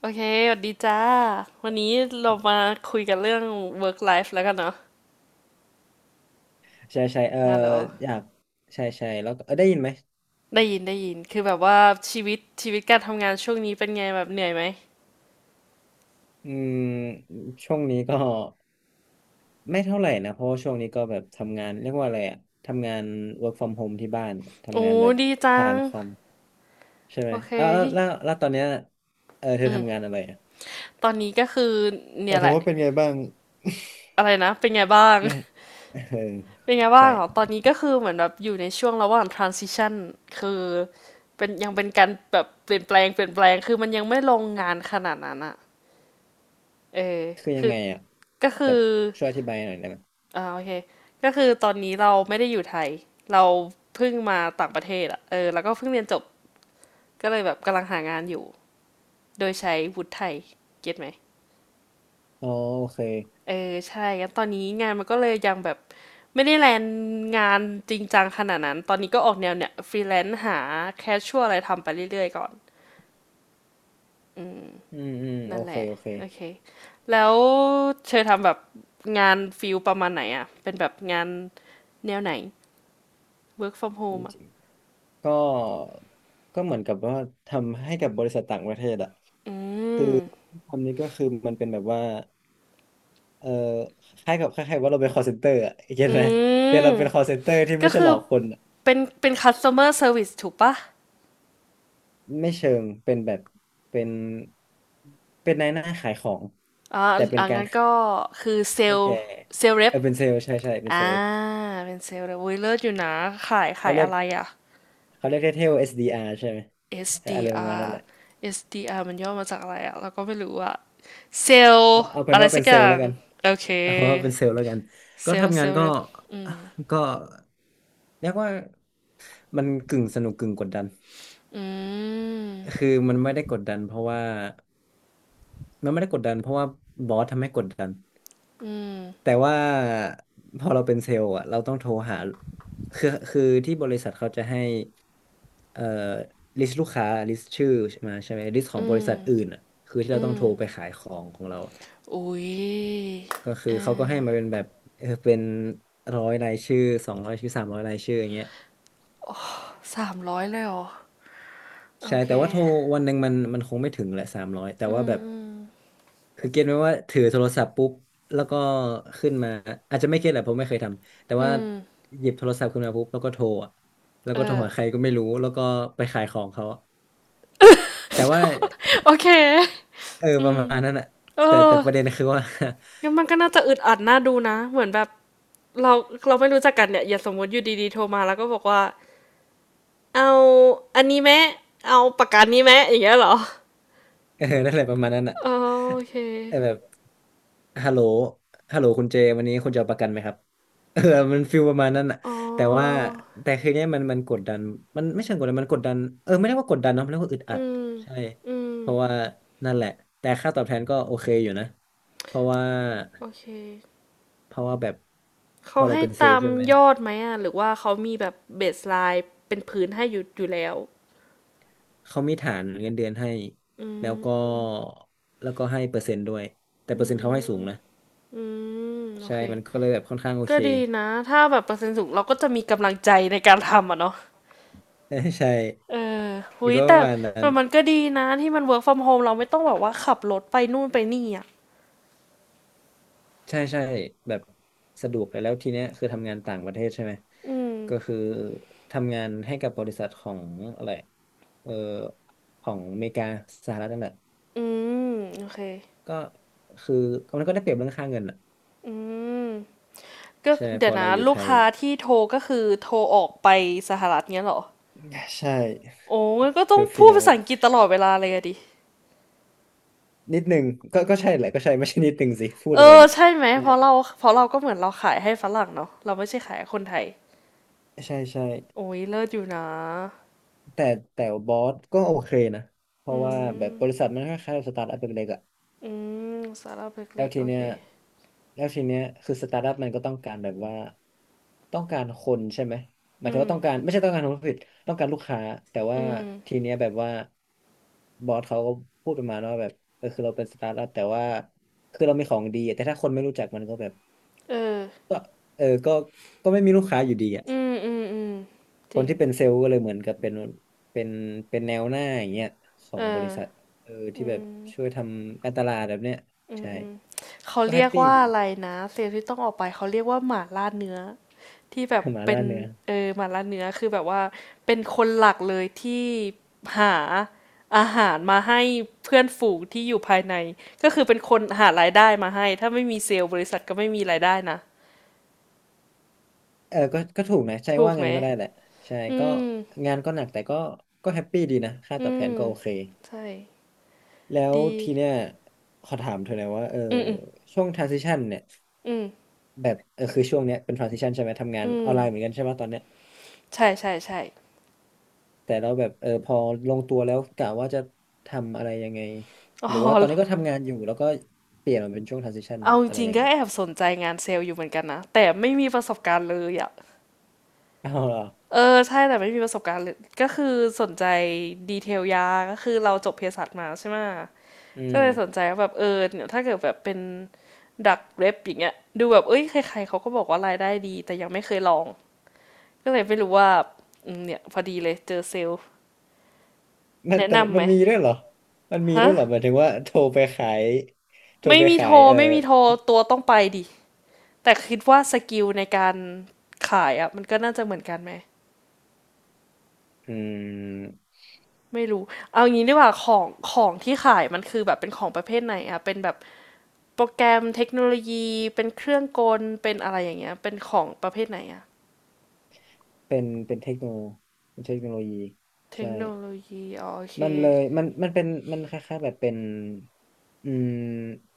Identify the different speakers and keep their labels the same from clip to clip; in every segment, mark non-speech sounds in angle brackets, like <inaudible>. Speaker 1: โอเคสวัสดีจ้าวันนี้เรามาคุยกันเรื่อง work life แล้วกันเนาะ
Speaker 2: ใช่ใช่เออ
Speaker 1: ฮัลโหล
Speaker 2: อยากใช่ใช่แล้วก็เออได้ยินไหม
Speaker 1: ได้ยินได้ยินคือแบบว่าชีวิตการทำงานช่วงนี้เป็นไงแบบเหนื่อยไหม
Speaker 2: อืมช่วงนี้ก็ไม่เท่าไหร่นะเพราะว่าช่วงนี้ก็แบบทำงานเรียกว่าอะไรอะทำงาน work from home ที่บ้าน
Speaker 1: โอ้
Speaker 2: ทำงานแบบ
Speaker 1: ดีจั
Speaker 2: ผ่า
Speaker 1: ง
Speaker 2: นคอมใช่ไหม
Speaker 1: โอเค
Speaker 2: อ้าวแล้ว
Speaker 1: ยิ่ง
Speaker 2: แล้วแล้วตอนเนี้ยเออเธอทำงานอะไรอะ
Speaker 1: ตอนนี้ก็คือ
Speaker 2: ห
Speaker 1: เนี่
Speaker 2: มาย
Speaker 1: ย
Speaker 2: ถึ
Speaker 1: แห
Speaker 2: ง
Speaker 1: ละ
Speaker 2: ว่าเป็นไงบ้าง
Speaker 1: อะไรนะเป็นไงบ้าง
Speaker 2: <laughs> ไม่เออ
Speaker 1: <laughs> เป็นไงบ้า
Speaker 2: ใช่
Speaker 1: งเหรอตอนนี้ก็คือเหมือนแบบอยู่ในช่วงระหว่าง transition คือเป็นยังเป็นการแบบเปลี่ยนแปลงเปลี่ยนแปลงคือมันยังไม่ลงงานขนาดนั้นอะเออ
Speaker 2: คือยั
Speaker 1: คื
Speaker 2: ง
Speaker 1: อ
Speaker 2: ไงอะ
Speaker 1: ก็
Speaker 2: แบ
Speaker 1: คื
Speaker 2: บ
Speaker 1: อ
Speaker 2: ช่วยอธิบายหน่อยได้ไหม
Speaker 1: อ่าโอเคก็คือตอนนี้เราไม่ได้อยู่ไทยเราเพิ่งมาต่างประเทศอะเออแล้วก็เพิ่งเรียนจบก็เลยแบบกำลังหางานอยู่โดยใช้วุฒิไทยเก็ตไหม
Speaker 2: อ๋อโอเค
Speaker 1: เออใช่งั้นตอนนี้งานมันก็เลยยังแบบไม่ได้แลนงานจริงจังขนาดนั้นตอนนี้ก็ออกแนวเนี่ยฟรีแลนซ์หาแคชชัวอะไรทำไปเรื่อยๆก่อน
Speaker 2: อืมอืมโอ
Speaker 1: นั่นแห
Speaker 2: เค
Speaker 1: ละ
Speaker 2: โอเค
Speaker 1: โอเคแล้วเธอทำแบบงานฟิลประมาณไหนอ่ะเป็นแบบงานแนวไหน work from home อะ
Speaker 2: ก็ก็เหมือนกับว่าทำให้กับบริษัทต่างประเทศอะ
Speaker 1: อื
Speaker 2: คือ
Speaker 1: ม
Speaker 2: ทำนี้ก็คือมันเป็นแบบว่าเออคล้ายกับคล้ายๆว่าเราเป็น call center อะเห็น
Speaker 1: อื
Speaker 2: ไหมแต่
Speaker 1: ม
Speaker 2: เราเป็น call center ที่ไม่
Speaker 1: ก็
Speaker 2: ใช่ห
Speaker 1: คื
Speaker 2: ล
Speaker 1: อ
Speaker 2: อกคนอะ
Speaker 1: เป็น customer service ถูกปะ
Speaker 2: ไม่เชิงเป็นแบบเป็นเป็นนายหน้าขายของ
Speaker 1: อ่า
Speaker 2: แต่เป็น
Speaker 1: อ่า
Speaker 2: การ
Speaker 1: งั้น
Speaker 2: ขา
Speaker 1: ก็
Speaker 2: ย
Speaker 1: คือเซ
Speaker 2: ให้
Speaker 1: ล
Speaker 2: แก
Speaker 1: ล์เซลล์เร
Speaker 2: เอ
Speaker 1: ป
Speaker 2: อเป็นเซลล์ใช่ใช่เป็นเซ
Speaker 1: อ่า
Speaker 2: ลล์
Speaker 1: เป็นเซลล์เรปอุ้ยเลิศอยู่นะขาย
Speaker 2: เขา
Speaker 1: ขาย
Speaker 2: เรีย
Speaker 1: อะ
Speaker 2: ก
Speaker 1: ไรอ่ะ
Speaker 2: เขาเรียกเท่ๆ SDR ใช่ไหมเอออะไรประมาณนั้นแห
Speaker 1: SDR
Speaker 2: ละ
Speaker 1: SDR มันย่อมาจากอะไรอ่ะเราก็ไม่รู้อ่ะเซลล์
Speaker 2: เอาเป็น
Speaker 1: อะไร
Speaker 2: ว่าเป็
Speaker 1: สั
Speaker 2: น
Speaker 1: กอ
Speaker 2: เซลล์
Speaker 1: ย่า
Speaker 2: แล้
Speaker 1: ง
Speaker 2: วกัน
Speaker 1: โอเค
Speaker 2: <laughs> เอาว่าเป็นเซลล์แล้วกัน
Speaker 1: เซ
Speaker 2: ก็
Speaker 1: ลล์
Speaker 2: ทำ
Speaker 1: เซ
Speaker 2: งา
Speaker 1: ล
Speaker 2: น
Speaker 1: ล์
Speaker 2: ก็
Speaker 1: เรปอืม
Speaker 2: <laughs> ก็เรียกว่ามันกึ่งสนุกกึ่งกดดัน
Speaker 1: อืม
Speaker 2: คือมันไม่ได้กดดันเพราะว่ามันไม่ได้กดดันเพราะว่าบอสทำให้กดดัน
Speaker 1: อื
Speaker 2: แต่
Speaker 1: ม
Speaker 2: ว่าพอเราเป็นเซลล์อะเราต้องโทรหาคือที่บริษัทเขาจะให้เอ่อลิสต์ลูกค้าลิสต์ชื่อใช่ไหมลิสต์ของบริษัทอื่นอะคือที่เราต้องโทรไปขายของของเรา
Speaker 1: อุ้ย
Speaker 2: ก็คือ
Speaker 1: เอ
Speaker 2: เขาก็
Speaker 1: อ
Speaker 2: ให้มาเป็นแบบเออเป็นร้อยรายชื่อสองร้อยชื่อสามร้อยรายชื่ออย่างเงี้ย
Speaker 1: สามร้อยเลยเหรอ โอ
Speaker 2: ใช่
Speaker 1: เค
Speaker 2: แต่ว่าโทรวันหนึ่งมันคงไม่ถึงแหละสามร้อยแต่
Speaker 1: อื
Speaker 2: ว่า
Speaker 1: ม
Speaker 2: แบบ
Speaker 1: อืม
Speaker 2: คือเก็ตไหมว่าถือโทรศัพท์ปุ๊บแล้วก็ขึ้นมาอาจจะไม่เก็ตแหละเพราะไม่เคยทำแต่
Speaker 1: อื
Speaker 2: ว่า
Speaker 1: ม
Speaker 2: หยิบโทรศัพท์ขึ้นมาปุ๊บแล้วก็โทรอะแล้ว
Speaker 1: เอ
Speaker 2: ก็โทร
Speaker 1: อ
Speaker 2: หาใครก็ไม่รู้แล้วก็ไปขายของเขาแต่ว่า
Speaker 1: โอเค
Speaker 2: เออประมาณนั้นอะ
Speaker 1: เอ
Speaker 2: แต่
Speaker 1: อ
Speaker 2: ประเด็นคือว่า
Speaker 1: งั้นมันก็น่าจะอึดอัดน่าดูนะเหมือนแบบเราเราไม่รู้จักกันเนี่ยอย่าสมมติอยู่ดีๆโทรมาแล้วก็บอกว่าเอาอันนี้แมมเอาปากกานี้แมมอย่างเงี้ยเหรอ
Speaker 2: เออนั่นแหละประมาณนั้นอ่ะ
Speaker 1: เออโอเค
Speaker 2: แต่แบบฮัลโหลฮัลโหลคุณเจวันนี้คุณจะเอาประกันไหมครับ <laughs> เออมันฟิลประมาณนั้นอ่ะ
Speaker 1: อ๋อ
Speaker 2: แต่ว่าแต่คือเนี้ยมันกดดันมันไม่เชิงกดดันมันกดดันเออไม่ได้ว่ากดดันเนาะมันเรียกว่าอึดอั
Speaker 1: อื
Speaker 2: ด
Speaker 1: ม
Speaker 2: ใช่
Speaker 1: อืม
Speaker 2: เพราะว่านั่นแหละแต่ค่าตอบแทนก็โอเคอยู่นะ เพราะว่า
Speaker 1: โอเค
Speaker 2: เพราะว่าแบบพ
Speaker 1: เขา
Speaker 2: อเรา
Speaker 1: ให้
Speaker 2: เป็นเซล
Speaker 1: ตา
Speaker 2: ล์
Speaker 1: ม
Speaker 2: ใช่ไหม
Speaker 1: ยอดไหมอ่ะหรือว่าเขามีแบบเบสไลน์เป็นพื้นให้อยู่แล้ว
Speaker 2: เขามีฐานเงินเดือนให้
Speaker 1: อื
Speaker 2: แล้วก็
Speaker 1: ม
Speaker 2: แล้วก็ให้เปอร์เซ็นต์ด้วย แต่เป
Speaker 1: อื
Speaker 2: อร์เซ็นต์เขาให้สู
Speaker 1: ม
Speaker 2: งนะ
Speaker 1: อืมโอ
Speaker 2: ใช่
Speaker 1: เค
Speaker 2: มันก็เลยแบบค่อนข้างโอ
Speaker 1: ก็
Speaker 2: เค
Speaker 1: ดีนะถ้าแบบเปอร์เซ็นต์สูงเราก็จะมีกำลังใจในการทำอ่ะเนาะ
Speaker 2: ใช่ใช่
Speaker 1: เออ
Speaker 2: มั
Speaker 1: อุ๊
Speaker 2: น
Speaker 1: ย
Speaker 2: ก็ป
Speaker 1: แต่
Speaker 2: ระมาณนั้น
Speaker 1: มันก็ดีนะที่มัน work from home เราไม่ต้องแบบว่าขับรถไปนู่นไปนี่อ่ะ
Speaker 2: ใช่ใช่แบบสะดวกเลยแล้วทีเนี้ยคือทำงานต่างประเทศใช่ไหม
Speaker 1: อืม
Speaker 2: ก็คือทำงานให้กับบริษัทของอะไรเออของอเมริกาสหรัฐนั่นแหละ
Speaker 1: อืมโอเค
Speaker 2: ก็คือมันก็ได้เปรียบเรื่องค่าเงินอ่ะ
Speaker 1: อืมก็
Speaker 2: ใช่ไหมพ
Speaker 1: เดี๋ย
Speaker 2: อ
Speaker 1: ว
Speaker 2: เรา
Speaker 1: นะ
Speaker 2: อยู่
Speaker 1: ลู
Speaker 2: ไท
Speaker 1: ก
Speaker 2: ย
Speaker 1: ค้าที่โทรก็คือโทรออกไปสหรัฐเงี้ยเหรอ
Speaker 2: ใช่
Speaker 1: โอ้งั้นก็ต้อง
Speaker 2: เฟี้ยว
Speaker 1: พู
Speaker 2: เฟี้
Speaker 1: ด
Speaker 2: ยว
Speaker 1: ภาษาอังกฤษตลอดเวลาเลยอะดิ
Speaker 2: นิดหนึ่งก็ใช่แหละก็ใช่ไม่ใช่นิดหนึ่งสิ พูด
Speaker 1: เอ
Speaker 2: อะไร
Speaker 1: อ
Speaker 2: เนี่ย
Speaker 1: ใช่ไหม
Speaker 2: ใช่
Speaker 1: เพราะเราก็เหมือนเราขายให้ฝรั่งเนาะเราไม่ใช่ขายให้คนไทย
Speaker 2: ใช่ใช่
Speaker 1: โอ้ยเลิศอยู่นะ
Speaker 2: แต่แต่บอสก็โอเคนะ เพ
Speaker 1: อื
Speaker 2: ราะว่าแบบ
Speaker 1: ม
Speaker 2: บริษัทมันคล้ายๆสตาร์ทอัพเล็กๆอะ
Speaker 1: อืมสตาระ
Speaker 2: แล้
Speaker 1: เล็
Speaker 2: ว
Speaker 1: กๆ
Speaker 2: ที
Speaker 1: โอ
Speaker 2: เนี้
Speaker 1: เค
Speaker 2: ยแล้วทีเนี้ยคือสตาร์ทอัพมันก็ต้องการแบบว่าต้องการคนใช่ไหมหมาย
Speaker 1: อื
Speaker 2: ถึงว่าต้องการ
Speaker 1: ม
Speaker 2: ไม่ใช่ต้องการคนผิดต้องการลูกค้าแต่ว่า
Speaker 1: อืม
Speaker 2: ทีเนี้ยแบบว่าบอสเขาก็พูดประมาณว่าแบบเออคือเราเป็นสตาร์ทอัพแต่ว่าคือเรามีของดีอะแต่ถ้าคนไม่รู้จักมันก็แบบ
Speaker 1: เออ
Speaker 2: ก็เออก็ไม่มีลูกค้าอยู่ดีอ่ะ
Speaker 1: อืมอืมอืมจ
Speaker 2: ค
Speaker 1: ริ
Speaker 2: น
Speaker 1: ง
Speaker 2: ที่เป็นเซลล์ก็เลยเหมือนกับเป็นเป็นแนวหน้าอย่างเงี้ยขอ
Speaker 1: เอ
Speaker 2: งบ
Speaker 1: อ
Speaker 2: ริษัทเออที่
Speaker 1: อื
Speaker 2: แบบ
Speaker 1: ม
Speaker 2: ช่วยทำการตลาดแบบเนี้ยใช่
Speaker 1: เขา
Speaker 2: ก็แฮ
Speaker 1: เรีย
Speaker 2: ป
Speaker 1: ก
Speaker 2: ปี้
Speaker 1: ว่า
Speaker 2: ดี
Speaker 1: อะไรนะเซลล์ที่ต้องออกไปเขาเรียกว่าหมาล่าเนื้อที่แบบ
Speaker 2: <laughs> หมา
Speaker 1: เป็
Speaker 2: ล่า
Speaker 1: น
Speaker 2: เนื้อ
Speaker 1: เออหมาล่าเนื้อคือแบบว่าเป็นคนหลักเลยที่หาอาหารมาให้เพื่อนฝูงที่อยู่ภายในก็คือเป็นคนหารายได้มาให้ถ้าไม่มีเซลล์บริษัทก็ไม่มีรายได้นะ
Speaker 2: เออก็ถูกนะใช่
Speaker 1: ถูก
Speaker 2: ว่า
Speaker 1: ไหม
Speaker 2: งั้นก็ได้แหละใช่
Speaker 1: อื
Speaker 2: ก็
Speaker 1: ม
Speaker 2: งานก็หนักแต่ก็ก็แฮปปี้ดีนะค่า
Speaker 1: อื
Speaker 2: ตอบแทน
Speaker 1: ม
Speaker 2: ก็โอเค
Speaker 1: ใช่
Speaker 2: แล้ว
Speaker 1: ดี
Speaker 2: ทีเนี้ยขอถามเธอหน่อยว่าเออ
Speaker 1: อืมอืม
Speaker 2: ช่วง transition เนี่ย
Speaker 1: อืม
Speaker 2: แบบเออคือช่วงเนี้ยเป็น transition ใช่ไหมทำงาน
Speaker 1: อื
Speaker 2: ออ
Speaker 1: ม
Speaker 2: นไลน์เหมือนกันใช่ป่ะตอนเนี้ย
Speaker 1: ใช่ใช่ใช่
Speaker 2: แต่เราแบบเออพอลงตัวแล้วกะว่าจะทำอะไรยังไง
Speaker 1: อ๋
Speaker 2: ห
Speaker 1: อ
Speaker 2: รือว่าตอนนี้ก็ทำงานอยู่แล้วก็เปลี่ยนมาเป็นช่วง transition
Speaker 1: เอาจ
Speaker 2: อะไร
Speaker 1: ริง
Speaker 2: ยั
Speaker 1: ๆ
Speaker 2: ง
Speaker 1: ก็
Speaker 2: ไง
Speaker 1: แอบสนใจงานเซลล์อยู่เหมือนกันนะแต่ไม่มีประสบการณ์เลยอะ
Speaker 2: เอาเหรอ
Speaker 1: เออใช่แต่ไม่มีประสบการณ์เลยก็คือสนใจดีเทลยาก็คือเราจบเภสัชมาใช่ไหม
Speaker 2: อื
Speaker 1: ก็
Speaker 2: ม
Speaker 1: เลยสนใจว่าแบบเออเนี่ยถ้าเกิดแบบเป็นดักเรปอย่างเงี้ยดูแบบเอ้ยใครๆเขาก็บอกว่ารายได้ดีแต่ยังไม่เคยลองก็เลยไม่รู้ว่าอืมเนี่ยพอดีเลยเจอเซลล์
Speaker 2: มัน
Speaker 1: แนะ
Speaker 2: แต่
Speaker 1: นำไห
Speaker 2: มั
Speaker 1: ม
Speaker 2: นมีด้วยเหรอมันมี
Speaker 1: ฮะ
Speaker 2: ด้วยเหรอหมายถึงว่าโทรไปขายโทร
Speaker 1: ไม่
Speaker 2: ไป
Speaker 1: มี
Speaker 2: ขา
Speaker 1: โทร
Speaker 2: ยเออ
Speaker 1: ไม่มีโทรตัวต้องไปดิแต่คิดว่าสกิลในการขายอะมันก็น่าจะเหมือนกันไหม
Speaker 2: อืม
Speaker 1: ไม่รู้ เอางี้ดีกว่าของของที่ขายมันคือแบบเป็นของประเภทไหนอะเป็นแบบโปรแกรมเทคโนโลยีเป็นเครื่องกลเป็นอะไรอย่างเงี้ยเป็นของประเภทไหนอะ
Speaker 2: เป็นเป็นเทคโนโลยี
Speaker 1: เทค
Speaker 2: ใช่
Speaker 1: โนโลยีอ๋อโอเค
Speaker 2: มันเลยมันเป็นมันคล้ายๆแบบเป็นอืม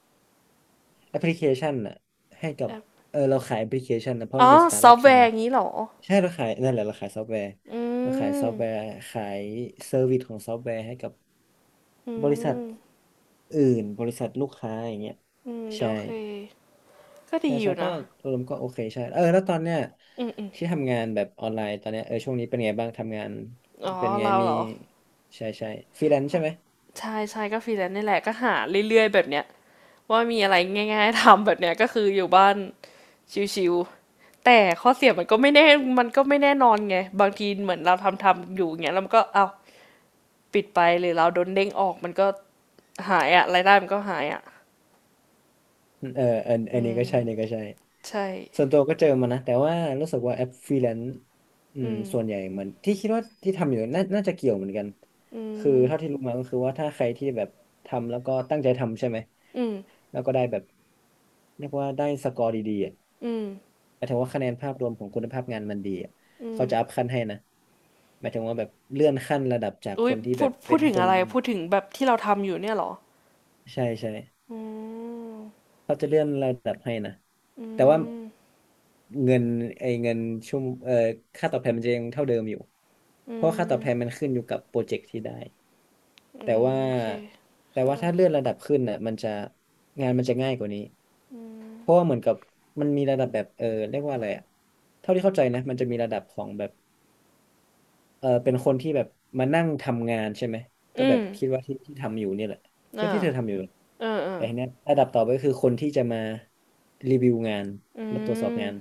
Speaker 2: แอปพลิเคชันอะให้กั
Speaker 1: แอ
Speaker 2: บ
Speaker 1: ป
Speaker 2: เราขายแอปพลิเคชันนะเพราะ
Speaker 1: อ๋
Speaker 2: มั
Speaker 1: อ
Speaker 2: นเป็นสตาร์
Speaker 1: ซ
Speaker 2: ทอั
Speaker 1: อฟ
Speaker 2: พ
Speaker 1: ต์แว
Speaker 2: ใช่ไหม
Speaker 1: ร์งี้เหรอ
Speaker 2: ใช่เราขายนั่นแหละเราขายซอฟต์แวร์
Speaker 1: อื
Speaker 2: เราขายซ
Speaker 1: ม
Speaker 2: อฟต์แวร์ขายเซอร์วิสของซอฟต์แวร์ให้กับ
Speaker 1: อื
Speaker 2: บริษัท
Speaker 1: ม
Speaker 2: อื่นบริษัทลูกค้าอย่างเงี้ย
Speaker 1: อืมโอ
Speaker 2: ใช่
Speaker 1: เคก็ดี
Speaker 2: ใช่
Speaker 1: อ
Speaker 2: ใช่
Speaker 1: ยู่
Speaker 2: ก็
Speaker 1: นะ
Speaker 2: รวมก็โอเคใช่เออแล้วตอนเนี้ย
Speaker 1: อืมอืม
Speaker 2: ที่ทำงานแบบออนไลน์ตอนเนี้ยเออช่วงนี้เป็นไงบ้างทำงาน
Speaker 1: อ๋อ
Speaker 2: เป็นไง
Speaker 1: เรา
Speaker 2: มี
Speaker 1: เหรอ
Speaker 2: ใช่ใช่ฟรีแลนซ์ใช่ไหม
Speaker 1: ใช่ใช่ก็ฟรีแลนซ์นี่แหละก็หาเรื่อยๆแบบเนี้ยว่ามีอะไรง่ายๆทำแบบเนี้ยก็คืออยู่บ้านชิวๆ แต่ข้อเสียมันก็ไม่แน่มันก็ไม่แน่นอนไงบางทีเหมือนเราทำอยู่อย่างเงี้ยแล้วมันก็เอาปิดไปหรือเราโดนเด้งออกมันก็หายอะรายได้มันก็หายอะ
Speaker 2: เอออันนี้ก็ใช่อันนี้ก็ใช่
Speaker 1: ใช่
Speaker 2: ส่วนตัวก็เจอมานะ แต่ว่ารู้สึกว่าแอปฟรีแลนซ์
Speaker 1: อืม
Speaker 2: ส่วนใหญ่เหมือนที่คิดว่าที่ทำอยู่น่าจะเกี่ยวเหมือนกัน
Speaker 1: อื
Speaker 2: คือเท่า
Speaker 1: ม
Speaker 2: ที่รู้มาก็คือว่าถ้าใครที่แบบทำแล้วก็ตั้งใจทำใช่ไหม
Speaker 1: อืม
Speaker 2: แล้วก็ได้แบบเรียกว่าได้สกอร์ดีๆอะ
Speaker 1: อืม
Speaker 2: หมายถึงว่าคะแนนภาพรวมของคุณภาพงานมันดีอะ
Speaker 1: อื
Speaker 2: เขาจะอัพ
Speaker 1: ม
Speaker 2: ขั้นให้นะหมายถึงว่าแบบเลื่อนขั้นระดับจากค
Speaker 1: อุ้ย
Speaker 2: นที่
Speaker 1: พู
Speaker 2: แบบ
Speaker 1: ดพู
Speaker 2: เป็
Speaker 1: ด
Speaker 2: น
Speaker 1: ถึง
Speaker 2: คน
Speaker 1: อะไรพูดถึงแบบที่เราทำอยู่เนี่ยเหรอ
Speaker 2: ใช่ใช่
Speaker 1: อืม
Speaker 2: เขาจะเลื่อนระดับให้นะแต่
Speaker 1: อ
Speaker 2: ว่า
Speaker 1: ืม
Speaker 2: เงินไอ้เงินชั่วโมงค่าตอบแทนมันจะยังเท่าเดิมอยู่
Speaker 1: อื
Speaker 2: เพราะว่าค่าตอบแทน
Speaker 1: ม
Speaker 2: มันขึ้นอยู่กับโปรเจกต์ที่ได้
Speaker 1: อื
Speaker 2: แต่
Speaker 1: ม
Speaker 2: ว่า
Speaker 1: โอเค
Speaker 2: แต่
Speaker 1: ก็
Speaker 2: ว่า
Speaker 1: ได้า
Speaker 2: ถ้า
Speaker 1: ใจ
Speaker 2: เลื่อนระดับขึ้นน่ะมันจะงานมันจะง่ายกว่านี้เพราะว่าเหมือนกับมันมีระดับแบบเรียกว่าอะไรอะเท่าที่เข้าใจนะมันจะมีระดับของแบบ เออเป็นคนที่แบบมานั่งทำงานใช่ไหมก็แบบคิดว่าที่ที่ทำอยู่เนี่ยแหละคิด
Speaker 1: อ่า
Speaker 2: ว่าที่เธอทำอยู่
Speaker 1: เออเอ
Speaker 2: แต่
Speaker 1: อ
Speaker 2: ทีเนี้ยระดับต่อไปก็คือคนที่จะมารีวิวงาน
Speaker 1: อื
Speaker 2: มาตรวจสอบ
Speaker 1: ม
Speaker 2: งาน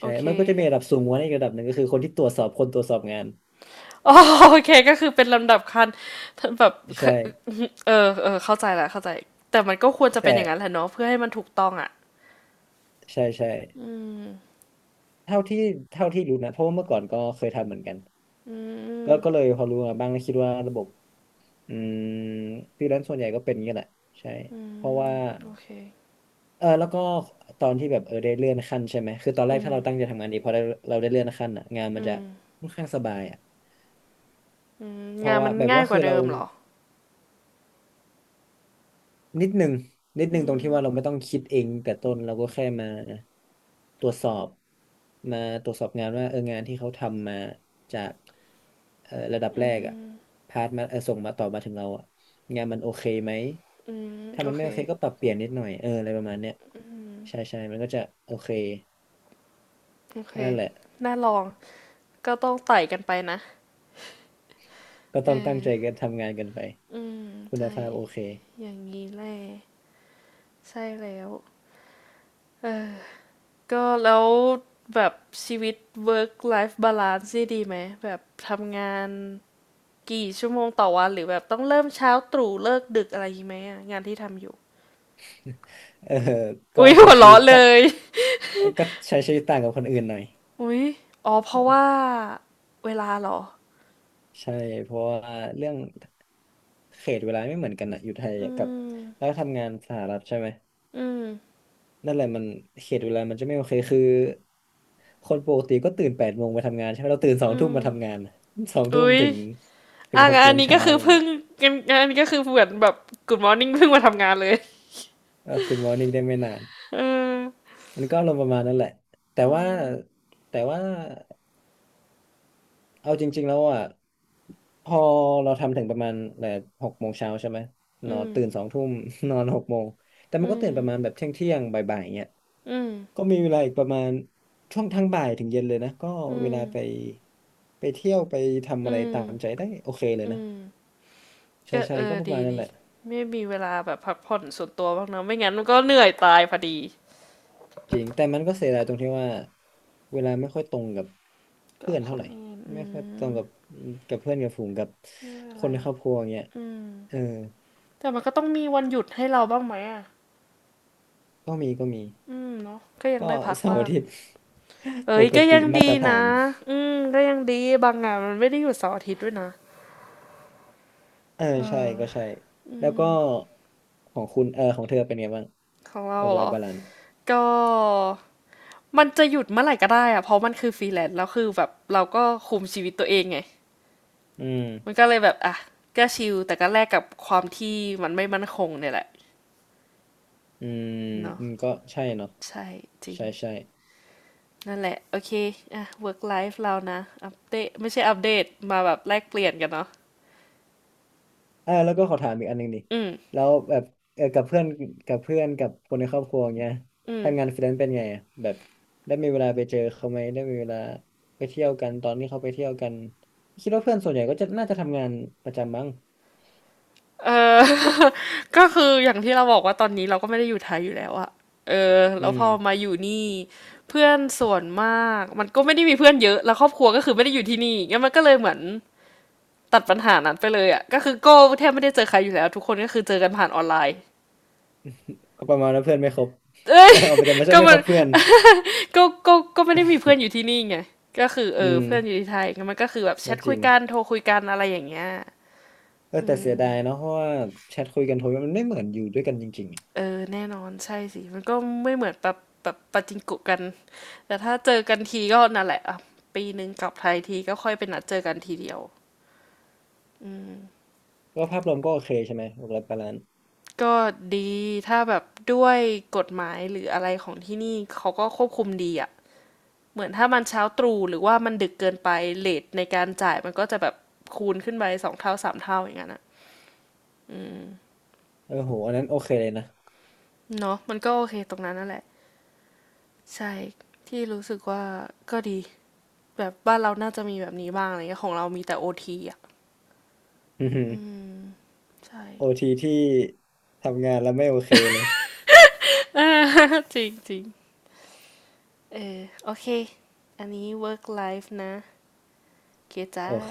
Speaker 1: โอ
Speaker 2: ใช่
Speaker 1: เค
Speaker 2: มันก็จะมีระดับสูงกว่านี้นอีกระดับหนึ่งก็คือคนที่ตรวจสอบคนตรวจสอบงาน
Speaker 1: อ๋อโอเคก็คือเป็นลำดับคันแบบ
Speaker 2: ใช่
Speaker 1: เออเออเข้าใจและเข้าใจแต่มันก็ควรจะเป็น
Speaker 2: แต่
Speaker 1: อย่างนั้นแหละเนาะเพื่อให้มันถูกต้องอ่ะ
Speaker 2: ใช่ใช่เท่าที่เท่าที่รู้นะเพราะว่าเมื่อก่อนก็เคยทำเหมือนกัน
Speaker 1: อื
Speaker 2: ก็
Speaker 1: ม
Speaker 2: ก็เลยพอรู้มาบ้างแล้วคิดว่าระบบอืมฟรีแลนซ์ส่วนใหญ่ก็เป็นอย่างนี้แหละใช่เพราะว่า
Speaker 1: โอเค
Speaker 2: เออแล้วก็ตอนที่แบบได้เลื่อนขั้นใช่ไหมคือตอนแรกถ้าเราตั้งใจทำงานดีพอได้เราได้เลื่อนขั้นอ่ะงานมันจะค่อนข้างสบายอ่ะ
Speaker 1: อืม
Speaker 2: เพ
Speaker 1: งา
Speaker 2: ราะ
Speaker 1: น
Speaker 2: ว่า
Speaker 1: มัน
Speaker 2: แบบ
Speaker 1: ง่า
Speaker 2: ว่า
Speaker 1: ยก
Speaker 2: คื
Speaker 1: ว่า
Speaker 2: อ
Speaker 1: เดิ
Speaker 2: เรา
Speaker 1: มเหรอ
Speaker 2: นิดหนึ่งนิดหนึ่งตรงที่ว่าเราไม่ต้องคิดเองแต่ต้นเราก็แค่ตรวจสอบมาตรวจสอบงานว่างานที่เขาทำมาจากระดับแรกอ่ะพาสมาส่งมาต่อมาถึงเราอ่ะงานมันโอเคไหม
Speaker 1: อืม
Speaker 2: ถ้า
Speaker 1: โอ
Speaker 2: มัน
Speaker 1: เค
Speaker 2: ไม่โอเคก็ปรับเปลี่ยนนิดหน่อยอะไรประมาณเนี้ยใช่ใช่มันก็จะโอเค
Speaker 1: โอเค
Speaker 2: นั่นแหละ
Speaker 1: น่าลองก็ต้องไต่กันไปนะ
Speaker 2: ก็
Speaker 1: เอ
Speaker 2: ต้องตั้ง
Speaker 1: อ
Speaker 2: ใจกันทำงานกันไป
Speaker 1: อืม
Speaker 2: คุณ
Speaker 1: ใช่
Speaker 2: ภาพโอเค
Speaker 1: อย่างนี้แหละใช่แล้วเออก็แล้วแบบชีวิต work life balance นี่ดีไหมแบบทำงาน กี่ชั่วโมงต่อวันหรือแบบต้องเริ่มเช้าตรู่เลิกดึกอะไรอย่างงี้ไหมอะงานที่ทำอยู่
Speaker 2: เออก็
Speaker 1: อุ้ยหั
Speaker 2: ใช้
Speaker 1: ว
Speaker 2: ชีวิ
Speaker 1: เราะ
Speaker 2: ต
Speaker 1: เล
Speaker 2: ตะ
Speaker 1: ย
Speaker 2: ก็ใช้ชีวิตต่างกับคนอื่นหน่อย
Speaker 1: อุ้ยอ๋อเพราะว่าเวลาเหรอ
Speaker 2: ใช่เพราะว่าเรื่องเขตเวลาไม่เหมือนกันอะอยู่ไทย
Speaker 1: อื
Speaker 2: กับ
Speaker 1: ม
Speaker 2: แล้วทำงานสหรัฐใช่ไหม
Speaker 1: อืม
Speaker 2: นั่นแหละมันเขตเวลามันจะไม่โอเคคือคนปกติก็ตื่น8 โมงมาทำงานใช่ไหมเราตื่นสอง
Speaker 1: อื
Speaker 2: ทุ่ม
Speaker 1: ม
Speaker 2: มาทำงาน <laughs> 2 ทุ่ม
Speaker 1: อุ้ย
Speaker 2: ถึง
Speaker 1: อ่ะ
Speaker 2: หก
Speaker 1: งาน
Speaker 2: โม
Speaker 1: อัน
Speaker 2: ง
Speaker 1: นี้ก็
Speaker 2: เช้า
Speaker 1: คือ
Speaker 2: อย่าง
Speaker 1: เพิ่
Speaker 2: เงี้
Speaker 1: ง
Speaker 2: ย
Speaker 1: งานงานอันนี้ก็คือเหมือนแบบกมอร์นิ่งเพิ่งมาทำงานเลย
Speaker 2: เออคุณมอร์นิ่งได้ไม่นาน
Speaker 1: เออ
Speaker 2: มันก็ลงประมาณนั้นแหละแต่
Speaker 1: อื
Speaker 2: ว่า
Speaker 1: ม
Speaker 2: แต่ว่า เอาจริงๆแล้วอ่ะพอเราทำถึงประมาณแบบหกโมงเช้าใช่ไหมน
Speaker 1: อื
Speaker 2: อน
Speaker 1: ม
Speaker 2: ตื่นสองทุ่ม <laughs> นอน6 โมงแต่มัน
Speaker 1: อื
Speaker 2: ก็ตื่
Speaker 1: ม
Speaker 2: นประมาณแบบเที่ยงเที่ยงบ่ายๆเงี้ย
Speaker 1: อืม
Speaker 2: ก็มีเวลาอีกประมาณช่วงทั้งบ่ายถึงเย็นเลยนะก็
Speaker 1: อื
Speaker 2: เว
Speaker 1: ม
Speaker 2: ลาไปเที่ยวไปทำอะ
Speaker 1: อื
Speaker 2: ไร
Speaker 1: ม
Speaker 2: ตามใจได้โอเคเลย
Speaker 1: อื
Speaker 2: นะ
Speaker 1: ม
Speaker 2: ใช่
Speaker 1: ก็
Speaker 2: ใช่
Speaker 1: เอ
Speaker 2: ก็
Speaker 1: อ
Speaker 2: ประ
Speaker 1: ดี
Speaker 2: มาณนั้น
Speaker 1: ดี
Speaker 2: แหละ
Speaker 1: ไม่มีเวลาแบบพักผ่อนส่วนตัวบ้างนะไม่งั้นมันก็เหนื่อยตายพอดี
Speaker 2: จริงแต่มันก็เสียดายตรงที่ว่าเวลาไม่ค่อยตรงกับ
Speaker 1: กั
Speaker 2: เพื่
Speaker 1: บ
Speaker 2: อน
Speaker 1: ค
Speaker 2: เท่า
Speaker 1: น
Speaker 2: ไหร่
Speaker 1: อื่นอื
Speaker 2: ไม่ค่อยตรง
Speaker 1: ม
Speaker 2: กับเพื่อนกับฝูงกับ
Speaker 1: ไม่เป็น
Speaker 2: ค
Speaker 1: ไร
Speaker 2: นในครอบครัวอย่างเงี้ย
Speaker 1: อืม
Speaker 2: เออ
Speaker 1: แต่มันก็ต้องมีวันหยุดให้เราบ้างไหมอ่ะ
Speaker 2: ก็มีก็มี
Speaker 1: อืมเนาะก็ยัง
Speaker 2: ก็
Speaker 1: ได้พัก
Speaker 2: เสาร์
Speaker 1: บ้า
Speaker 2: อา
Speaker 1: ง
Speaker 2: ทิตย์ <laughs> ป
Speaker 1: เอ้ย
Speaker 2: ก
Speaker 1: ก็
Speaker 2: ติ
Speaker 1: ยัง
Speaker 2: มา
Speaker 1: ดี
Speaker 2: ตรฐา
Speaker 1: นะ
Speaker 2: น
Speaker 1: อืมก็ยังดีบางงานมันไม่ได้หยุดเสาร์อาทิตย์ด้วยนะ
Speaker 2: เออใช่
Speaker 1: เอ
Speaker 2: ก็
Speaker 1: อ
Speaker 2: ใช่แล้วก็ของเธอเป็นไงบ้าง
Speaker 1: ของเรา
Speaker 2: ออก
Speaker 1: เห
Speaker 2: ไล
Speaker 1: ร
Speaker 2: น์
Speaker 1: อ
Speaker 2: บาลานซ์
Speaker 1: ก็มันจะหยุดเมื่อไหร่ก็ได้อะเพราะมันคือฟรีแลนซ์แล้วคือแบบเราก็คุมชีวิตตัวเองไง
Speaker 2: อื
Speaker 1: มัน
Speaker 2: ม
Speaker 1: ก็เลยแบบอ่ะก็ชิลแต่ก็แลกกับความที่มันไม่มั่นคงเนี่ยแหละ
Speaker 2: อืม
Speaker 1: เนาะ
Speaker 2: อืมก็ใช่เนาะ
Speaker 1: ใช่จริง
Speaker 2: ใช่ใช่
Speaker 1: นั่นแหละโอเคอ่ะ work life เรานะอัปเดตไม่ใช่อัปเดตมาแบบแลกเปลี่ยนกันเนาะ
Speaker 2: เออแล้วก็ขอถามอีกอันหนึ่งดิ
Speaker 1: อืม
Speaker 2: แล้วแบบเออกับเพื่อนกับคนในครอบครัวอย่างเงี้ย
Speaker 1: อืม
Speaker 2: ทำงานฟรีแลนซ์เป็นไงอะแบบได้มีเวลาไปเจอเขาไหมได้มีเวลาไปเที่ยวกันตอนที่เขาไปเที่ยวกันคิดว่าเพื่อนส่วนใหญ่ก็จะน่าจะทำงานประจำมั้ง
Speaker 1: ก็คืออย่างที่เราบอกว่าตอนนี้เราก็ไม่ได้อยู่ไทยอยู่แล้วอะเออ
Speaker 2: อื
Speaker 1: แล้วพ
Speaker 2: ม
Speaker 1: อมาอยู่นี่เพื่อนส่วนมากมันก็ไม่ได้มีเพื่อนเยอะแล้วครอบครัวก็คือไม่ได้อยู่ที่นี่งั้นมันก็เลยเหมือนตัดปัญหานั้นไปเลยอะก็คือโก้แทบไม่ได้เจอใครอยู่แล้วทุกคนก็คือเจอกันผ่านออนไลน์
Speaker 2: ก็ประมาณว่าเพื่อนไม่ครบ
Speaker 1: เอ้ย
Speaker 2: <laughs> เอาไปแต่ไม่ใช่
Speaker 1: ก็
Speaker 2: ไม่
Speaker 1: มั
Speaker 2: คร
Speaker 1: น
Speaker 2: บเพื่อน
Speaker 1: ก็ก็ไม่ได้มีเพื่อนอยู่ที่นี่ไงก็คือเอ
Speaker 2: อื
Speaker 1: อ
Speaker 2: ม
Speaker 1: เพื่อนอยู่ที่ไทยงั้นมันก็คือแบบแช
Speaker 2: ก็
Speaker 1: ท
Speaker 2: จ
Speaker 1: คุ
Speaker 2: ริ
Speaker 1: ย
Speaker 2: ง
Speaker 1: กันโทรคุยกันอะไรอย่างเงี้ย
Speaker 2: เออแต่เสียดายเนาะเพราะว่าแชทคุยกันโทรมันไม่เหมือนอยู่ด้วยกันจริง
Speaker 1: เออแน่นอนใช่สิมันก็ไม่เหมือนแบบแบบปาจิงโกะกันแต่ถ้าเจอกันทีก็นั่นแหละอ่ะปีหนึ่งกลับไทยทีก็ค่อยไปนัดเจอกันทีเดียว
Speaker 2: ๆก็ภาพรวมก็โอเคใช่ไหมหกร้อยปล้าน
Speaker 1: ก็ดีถ้าแบบด้วยกฎหมายหรืออะไรของที่นี่เขาก็ควบคุมดีอ่ะเหมือนถ้ามันเช้าตรู่หรือว่ามันดึกเกินไปเลทในการจ่ายมันก็จะแบบคูณขึ้นไป2 เท่า 3 เท่าอย่างนั้นอะ
Speaker 2: เออโห อันนั้นโอเคเลยนะ
Speaker 1: เนาะมันก็โอเคตรงนั้นนั่นแหละใช่ที่รู้สึกว่าก็ดีแบบบ้านเราน่าจะมีแบบนี้บ้างอะไรเงี้ยของเรามีแต่โอทีอ่ะ
Speaker 2: <laughs> อือหือ
Speaker 1: ใช่
Speaker 2: โอทีที่ทำงานแล้วไม่โอเคเลย
Speaker 1: จริงจริงเออโอเค อันนี้ work life นะเกจ้า
Speaker 2: โอเค